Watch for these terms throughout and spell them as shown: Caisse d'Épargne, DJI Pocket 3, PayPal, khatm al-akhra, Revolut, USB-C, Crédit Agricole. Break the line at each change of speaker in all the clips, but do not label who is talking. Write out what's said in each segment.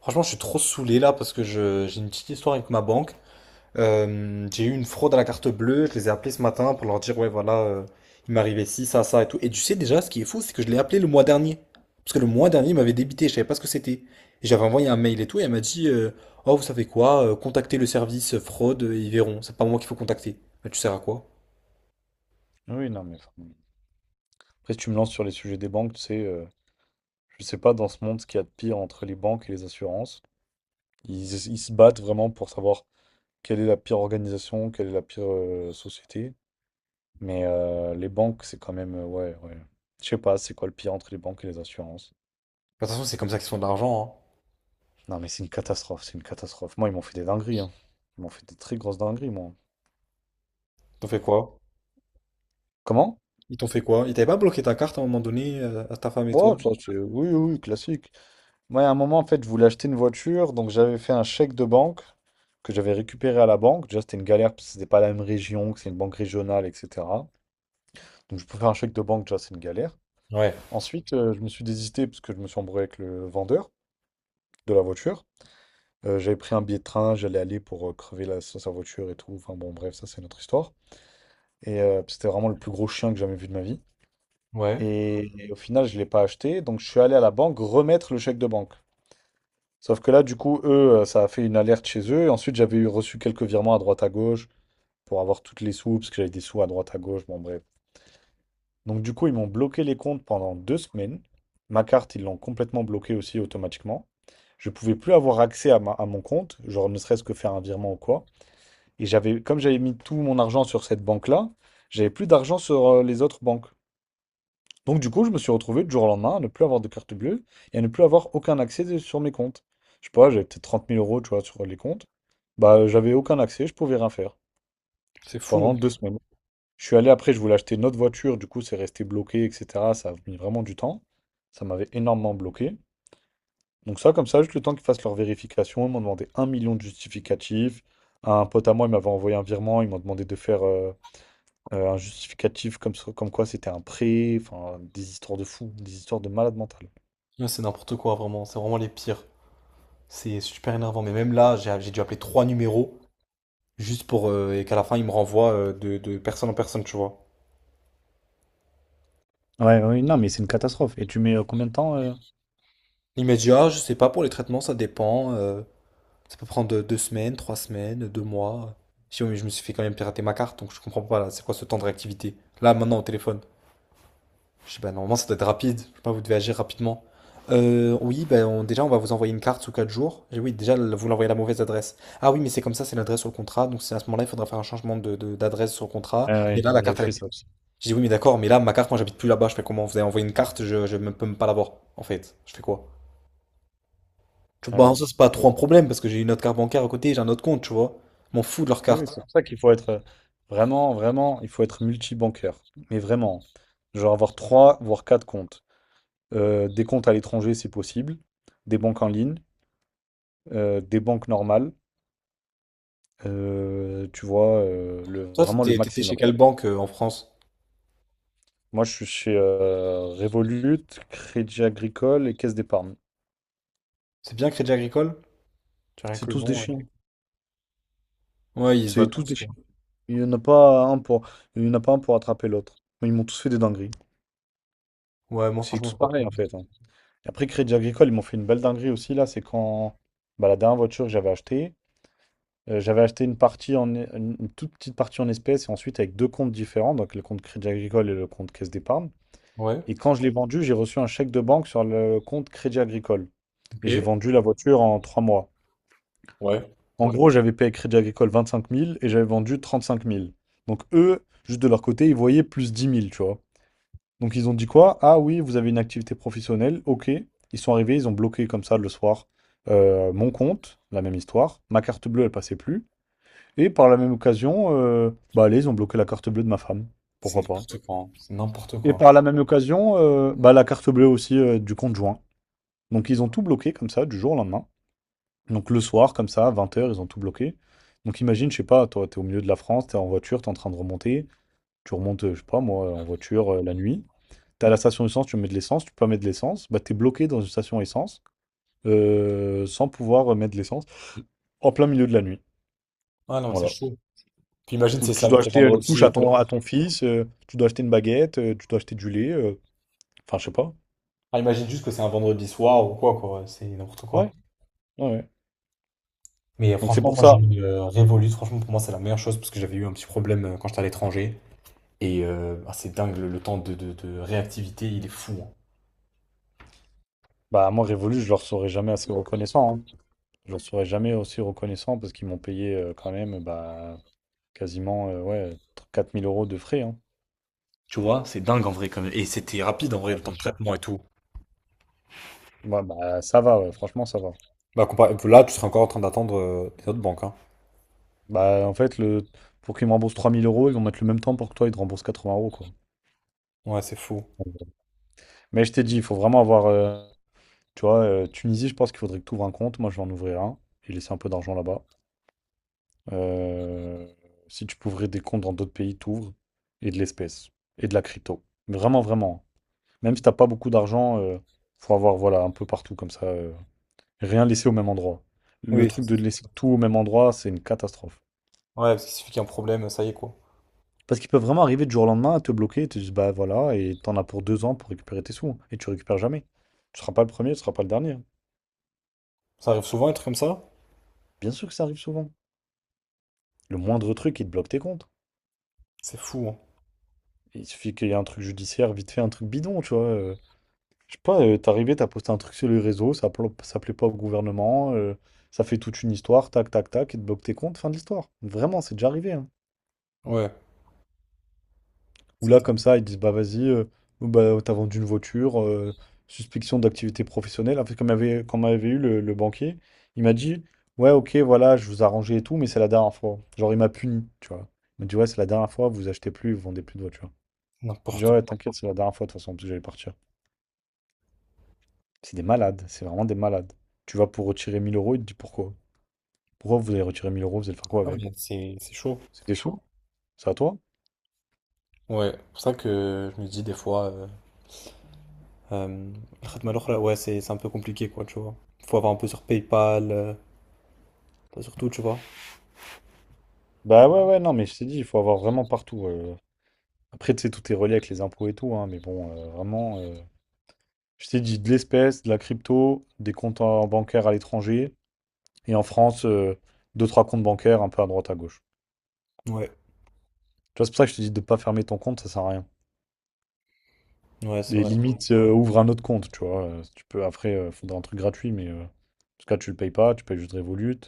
Franchement, je suis trop saoulé là parce que j'ai une petite histoire avec ma banque. J'ai eu une fraude à la carte bleue. Je les ai appelés ce matin pour leur dire, ouais, voilà, il m'arrivait ci, ça et tout. Et tu sais déjà, ce qui est fou, c'est que je l'ai appelé le mois dernier. Parce que le mois dernier, il m'avait débité, je savais pas ce que c'était. Et j'avais envoyé un mail et tout, et elle m'a dit, oh, vous savez quoi, contactez le service fraude, ils verront. C'est pas moi qu'il faut contacter. Mais tu sers à quoi?
Oui, non, mais. Après, si tu me lances sur les sujets des banques, tu sais, je sais pas dans ce monde ce qu'il y a de pire entre les banques et les assurances. Ils se battent vraiment pour savoir quelle est la pire organisation, quelle est la pire société. Mais les banques, c'est quand même. Ouais, ouais. Je sais pas, c'est quoi le pire entre les banques et les assurances.
De toute façon, c'est comme ça qu'ils font de l'argent, hein.
Non, mais c'est une catastrophe, c'est une catastrophe. Moi, ils m'ont fait des dingueries, hein. Ils m'ont fait des très grosses dingueries, moi.
Ils t'ont fait quoi?
Comment?
Ils t'ont fait quoi? Ils t'avaient pas bloqué ta carte à un moment donné, à ta femme et toi?
Ouais, ça, c'est. Oui, oui, oui, classique. Moi, à un moment, en fait, je voulais acheter une voiture, donc j'avais fait un chèque de banque que j'avais récupéré à la banque. Déjà, c'était une galère parce que c'était pas la même région, que c'est une banque régionale, etc. Donc, je peux faire un chèque de banque, déjà, c'est une galère.
Ouais,
Ensuite, je me suis désisté parce que je me suis embrouillé avec le vendeur de la voiture. J'avais pris un billet de train, j'allais aller pour crever la, sur sa voiture et tout. Enfin, bon, bref, ça, c'est notre histoire. Et c'était vraiment le plus gros chien que j'ai jamais vu de ma vie.
ouais.
Et au final, je l'ai pas acheté, donc je suis allé à la banque remettre le chèque de banque. Sauf que là, du coup, eux, ça a fait une alerte chez eux. Et ensuite, j'avais eu reçu quelques virements à droite à gauche pour avoir toutes les sous, parce que j'avais des sous à droite à gauche. Bon, bref. Donc, du coup, ils m'ont bloqué les comptes pendant 2 semaines. Ma carte, ils l'ont complètement bloquée aussi automatiquement. Je pouvais plus avoir accès à mon compte, genre ne serait-ce que faire un virement ou quoi. Et j'avais, comme j'avais mis tout mon argent sur cette banque-là, j'avais plus d'argent sur les autres banques. Donc du coup, je me suis retrouvé du jour au lendemain à ne plus avoir de carte bleue et à ne plus avoir aucun accès sur mes comptes. Je sais pas, j'avais peut-être trente mille euros, tu vois, sur les comptes. Bah, j'avais aucun accès, je pouvais rien faire
C'est fou.
pendant 2 semaines. Je suis allé après, je voulais acheter une autre voiture, du coup, c'est resté bloqué, etc. Ça a mis vraiment du temps. Ça m'avait énormément bloqué. Donc ça, comme ça, juste le temps qu'ils fassent leur vérification, ils m'ont demandé un million de justificatifs. Un pote à moi, il m'avait envoyé un virement, ils m'ont demandé de faire un justificatif comme quoi c'était un prêt, enfin, des histoires de fous, des histoires de malade mental.
Ouais, c'est n'importe quoi, vraiment. C'est vraiment les pires. C'est super énervant. Mais même là, j'ai dû appeler 3 numéros juste pour. Et qu'à la fin, ils me renvoient de, personne en personne, tu vois.
Ouais, oui, non, mais c'est une catastrophe. Et tu mets combien de temps?
Il m'a dit, ah, je sais pas, pour les traitements, ça dépend. Ça peut prendre deux semaines, trois semaines, deux mois. Je dis, oui, mais je me suis fait quand même pirater ma carte, donc je comprends pas là. C'est quoi ce temps de réactivité? Là, maintenant, au téléphone. Je sais pas, normalement ça doit être rapide. Je sais pas, vous devez agir rapidement. Oui, ben, déjà on va vous envoyer une carte sous 4 jours. Et oui, déjà vous l'envoyez à la mauvaise adresse. Ah oui, mais c'est comme ça, c'est l'adresse sur le contrat. Donc c'est à ce moment-là, il faudra faire un changement de, d'adresse sur le contrat.
Ah
Et
ouais,
là,
il
la
avait
carte, elle...
fait ça aussi.
Je dis oui, mais d'accord, mais là, ma carte, moi j'habite plus là-bas. Je fais comment? Vous avez envoyé une carte, je, peux même pas l'avoir, en fait. Je fais quoi? Tu
Ouais,
vois, bah,
ouais.
ça c'est pas trop un problème parce que j'ai une autre carte bancaire à côté, j'ai un autre compte, tu vois. Je m'en fous de leur
Ouais, ouais,
carte.
c'est pour ça qu'il faut être vraiment, vraiment, il faut être multi-bancaire. Mais vraiment, genre avoir trois, voire quatre comptes. Des comptes à l'étranger, c'est possible. Des banques en ligne, des banques normales. Tu vois,
Toi,
vraiment le
t'étais chez
maximum.
quelle banque en France?
Moi, je suis chez Revolut, Crédit Agricole et Caisse d'Épargne.
C'est bien Crédit Agricole? Tu as rien
C'est
que le
tous des
nom. Ouais,
chiens.
ouais ils se
C'est
valent
tous
tous,
des
quoi.
chiens. Il n'y en a pas un pour, il y en a pas un pour attraper l'autre. Ils m'ont tous fait des dingueries.
Ouais, moi
C'est
franchement,
tous
j'ai pas trop.
pareil en fait, hein. Et après, Crédit Agricole, ils m'ont fait une belle dinguerie aussi. Là, c'est quand bah, la dernière voiture que j'avais achetée, j'avais acheté une partie une toute petite partie en espèces et ensuite avec deux comptes différents, donc le compte Crédit Agricole et le compte Caisse d'Épargne.
Ouais,
Et quand je l'ai vendu, j'ai reçu un chèque de banque sur le compte Crédit Agricole.
ok,
Et j'ai vendu la voiture en 3 mois.
ouais,
En gros, j'avais payé Crédit Agricole 25 000 et j'avais vendu 35 000. Donc eux, juste de leur côté, ils voyaient plus 10 000, tu vois. Donc ils ont dit quoi? Ah oui, vous avez une activité professionnelle, ok. Ils sont arrivés, ils ont bloqué comme ça le soir mon compte, la même histoire. Ma carte bleue, elle passait plus. Et par la même occasion, bah allez, ils ont bloqué la carte bleue de ma femme.
c'est
Pourquoi pas?
n'importe quoi, hein. C'est n'importe
Et
quoi.
par la même occasion, bah la carte bleue aussi du compte joint. Donc ils ont tout bloqué comme ça, du jour au lendemain. Donc le soir, comme ça, à 20 heures, ils ont tout bloqué. Donc imagine, je sais pas, toi, t'es au milieu de la France, t'es en voiture, t'es en train de remonter. Tu remontes, je sais pas moi, en voiture la nuit. T'as la station essence, tu mets de l'essence, tu peux pas mettre de l'essence, bah t'es bloqué dans une station essence sans pouvoir mettre de l'essence en plein milieu de la nuit.
Ah non, mais c'est
Voilà.
chaud. Puis imagine
Ou
c'est
tu
samedi,
dois
c'est
acheter une couche
vendredi ou
à
quoi.
ton, à ton fils, tu dois acheter une baguette, tu dois acheter du lait, enfin je sais pas.
Ah, imagine juste que c'est un vendredi soir ou quoi, quoi, c'est n'importe quoi.
Ouais, ouais, ouais.
Mais
Donc c'est
franchement,
pour
moi j'ai
ça.
eu Revolut, franchement pour moi c'est la meilleure chose parce que j'avais eu un petit problème quand j'étais à l'étranger. Et ah, c'est dingue, le, le temps de réactivité, il est fou, hein.
Bah moi Révolu, je leur serai jamais assez reconnaissant, hein. Je leur serai jamais aussi reconnaissant parce qu'ils m'ont payé quand même bah quasiment ouais 4 000 € de frais, hein.
Tu vois, c'est dingue en vrai quand même. Et c'était rapide en vrai,
Ah,
le temps
bien
de
sûr.
traitement et tout.
Ouais, bah ça va, ouais, franchement ça va.
Bah, là, tu serais encore en train d'attendre les autres banques, hein.
Bah, en fait, le... pour qu'ils me remboursent 3000 euros, ils vont mettre le même temps pour que toi, ils te remboursent 80 euros, quoi.
Ouais, c'est fou.
Mais je t'ai dit, il faut vraiment avoir. Tu vois, Tunisie, je pense qu'il faudrait que tu ouvres un compte. Moi, je vais en ouvrir un et laisser un peu d'argent là-bas. Euh, Si tu peux ouvrir des comptes dans d'autres pays, t'ouvres et de l'espèce et de la crypto. Mais vraiment, vraiment. Même si t'as pas beaucoup d'argent, faut avoir voilà un peu partout comme ça, rien laisser au même endroit. Le
Oui, ça,
truc de
c'est sûr.
laisser tout au même endroit, c'est une catastrophe.
Ouais, parce qu'il suffit qu'il y ait un problème, ça y est, quoi.
Parce qu'ils peuvent vraiment arriver du jour au lendemain à te bloquer et te disent, bah voilà, et t'en as pour 2 ans pour récupérer tes sous. Et tu récupères jamais. Tu seras pas le premier, tu seras pas le dernier.
Ça arrive souvent, un truc comme ça?
Bien sûr que ça arrive souvent. Le moindre truc, il te bloque tes comptes.
C'est fou, hein.
Il suffit qu'il y ait un truc judiciaire, vite fait, un truc bidon, tu vois. Je sais pas, t'es arrivé, t'as posté un truc sur les réseaux, ça, ça plaît pas au gouvernement, ça fait toute une histoire, tac, tac, tac, et te bloque tes comptes, fin de l'histoire. Vraiment, c'est déjà arrivé, hein.
Ouais,
Où
c'est
là, comme ça, ils disent, bah vas-y, oh, bah, t'as vendu une voiture, suspicion d'activité professionnelle. En fait, comme il y avait, quand m'avait eu le banquier, il m'a dit, ouais, ok, voilà, je vous ai arrangé et tout, mais c'est la dernière fois. Genre, il m'a puni, tu vois. Il m'a dit, ouais, c'est la dernière fois, vous achetez plus, vous vendez plus de voiture. Je dis,
n'importe
ouais,
quoi.
t'inquiète, c'est la dernière fois, de toute façon, parce que j'allais partir. C'est des malades, c'est vraiment des malades. Tu vas pour retirer 1000 euros, il te dit pourquoi? Pourquoi vous allez retirer 1000 euros, vous allez faire quoi
Non, mais
avec?
c'est chaud.
C'était chaud. C'est à toi?
Ouais, c'est pour ça que je me dis des fois, euh, le khatm al-akhra, ouais, c'est un peu compliqué, quoi, tu vois. Faut avoir un peu sur PayPal, pas sur tout, tu vois.
Bah ouais, ouais, non, mais je t'ai dit, il faut avoir vraiment partout. Après, tu sais, tout est relié avec les impôts et tout, hein, mais bon, vraiment, je t'ai dit de l'espèce, de la crypto, des comptes bancaires à l'étranger, et en France, deux, trois comptes bancaires un peu à droite, à gauche.
Ouais,
Tu vois, c'est pour ça que je te dis de pas fermer ton compte, ça sert à rien.
ouais, c'est
Et
vrai.
limite, ouvre un autre compte, tu vois. Si tu peux, après, il faudra un truc gratuit, mais en tout cas, tu le payes pas, tu payes juste Revolut.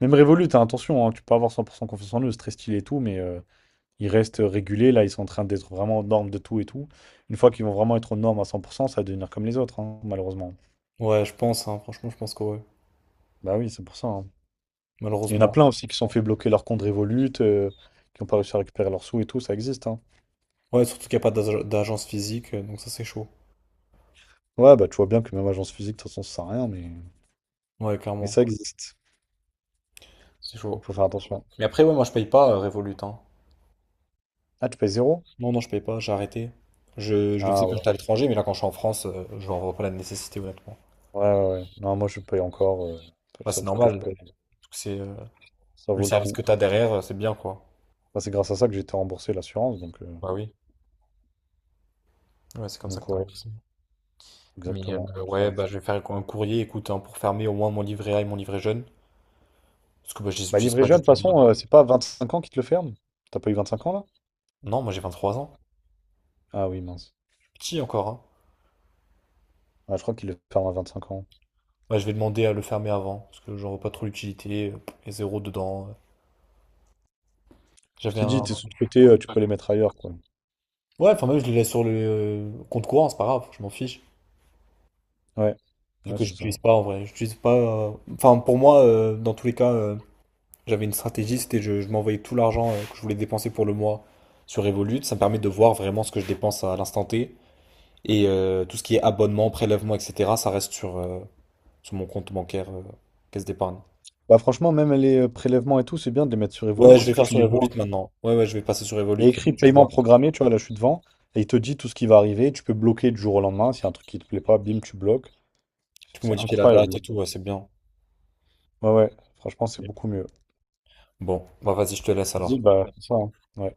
Même Revolut, hein, attention, hein, tu peux avoir 100% confiance en eux, c'est très stylé et tout, mais ils restent régulés, là, ils sont en train d'être vraiment aux normes de tout et tout. Une fois qu'ils vont vraiment être aux normes à 100%, ça va devenir comme les autres, hein, malheureusement.
Ouais, je pense, hein, franchement, je pense que ouais,
Bah oui, c'est pour ça, hein. Il y en a
malheureusement.
plein aussi qui se sont fait bloquer leur compte Revolut, qui n'ont pas réussi à récupérer leurs sous et tout, ça existe, hein.
Ouais, surtout qu'il n'y a pas d'agence physique, donc ça, c'est chaud.
Ouais, bah tu vois bien que même agence physique, de toute façon, ça sert à rien,
Ouais,
mais
clairement,
ça existe.
c'est
Il
chaud.
faut faire attention.
Mais après, ouais, moi, je paye pas Revolut, hein.
Ah, tu payes zéro?
Non, non, je paye pas, j'ai arrêté. Je le faisais
Ah
quand
ouais.
j'étais à l'étranger, mais là, quand je suis en France, je n'en vois pas la nécessité, honnêtement.
Ouais, ouais, ouais. Non, moi je paye encore. C'est le
Enfin, c'est
seul truc que je
normal.
paye.
C'est
Ça
le
vaut le
service
coup.
que tu as derrière, c'est bien quoi.
Bah, c'est grâce à ça que j'ai été remboursé l'assurance, donc, euh,
Bah oui, ouais, c'est comme ça que
donc
tu as
ouais,
remboursé. Mais
exactement. Ça
ouais,
va être
bah
super.
je vais faire un courrier, écoute, hein, pour fermer au moins mon livret A et mon livret jeune. Parce que bah, je les
Bah
utilise
livré
pas du
jeune, de toute
tout.
façon, c'est pas 25 ans qui te le ferme. T'as pas eu 25 ans là?
Non, moi j'ai 23 ans.
Ah oui, mince.
Je suis petit encore, hein.
Ah, je crois qu'ils le ferment à cinq ans.
Bah, je vais demander à le fermer avant, parce que j'en vois pas trop l'utilité. Pff, il y a zéro dedans.
Je
J'avais
t'ai dit, t'es
un.
sous côté, tu peux les mettre ailleurs, quoi.
Ouais, enfin même je les laisse sur le compte courant, c'est pas grave, je m'en fiche.
Ouais,
Vu
ouais,
que
c'est ça.
j'utilise pas en vrai. J'utilise pas. Enfin pour moi, dans tous les cas. J'avais une stratégie, c'était je m'envoyais tout l'argent que je voulais dépenser pour le mois sur Revolut. Ça me permet de voir vraiment ce que je dépense à l'instant T. Et tout ce qui est abonnement, prélèvement, etc., ça reste sur, sur mon compte bancaire, caisse d'épargne.
Bah franchement, même les prélèvements et tout, c'est bien de les mettre sur Revolut
Ouais, je
parce
vais
que
faire
tu
sur
les
Revolut
vois.
maintenant. Ouais, ouais, je vais passer sur
Il
Revolut.
y a écrit
Tu
paiement
vois,
programmé, tu vois, là je suis devant, et il te dit tout ce qui va arriver, tu peux bloquer du jour au lendemain, s'il y a un truc qui te plaît pas, bim, tu bloques.
tu peux
C'est
modifier la date
incroyable.
et tout, ouais, c'est bien.
Ouais, ouais, franchement, c'est beaucoup mieux.
Bon, bah vas-y, je te laisse alors.
Vas-y, bah, c'est ça, hein. Ouais.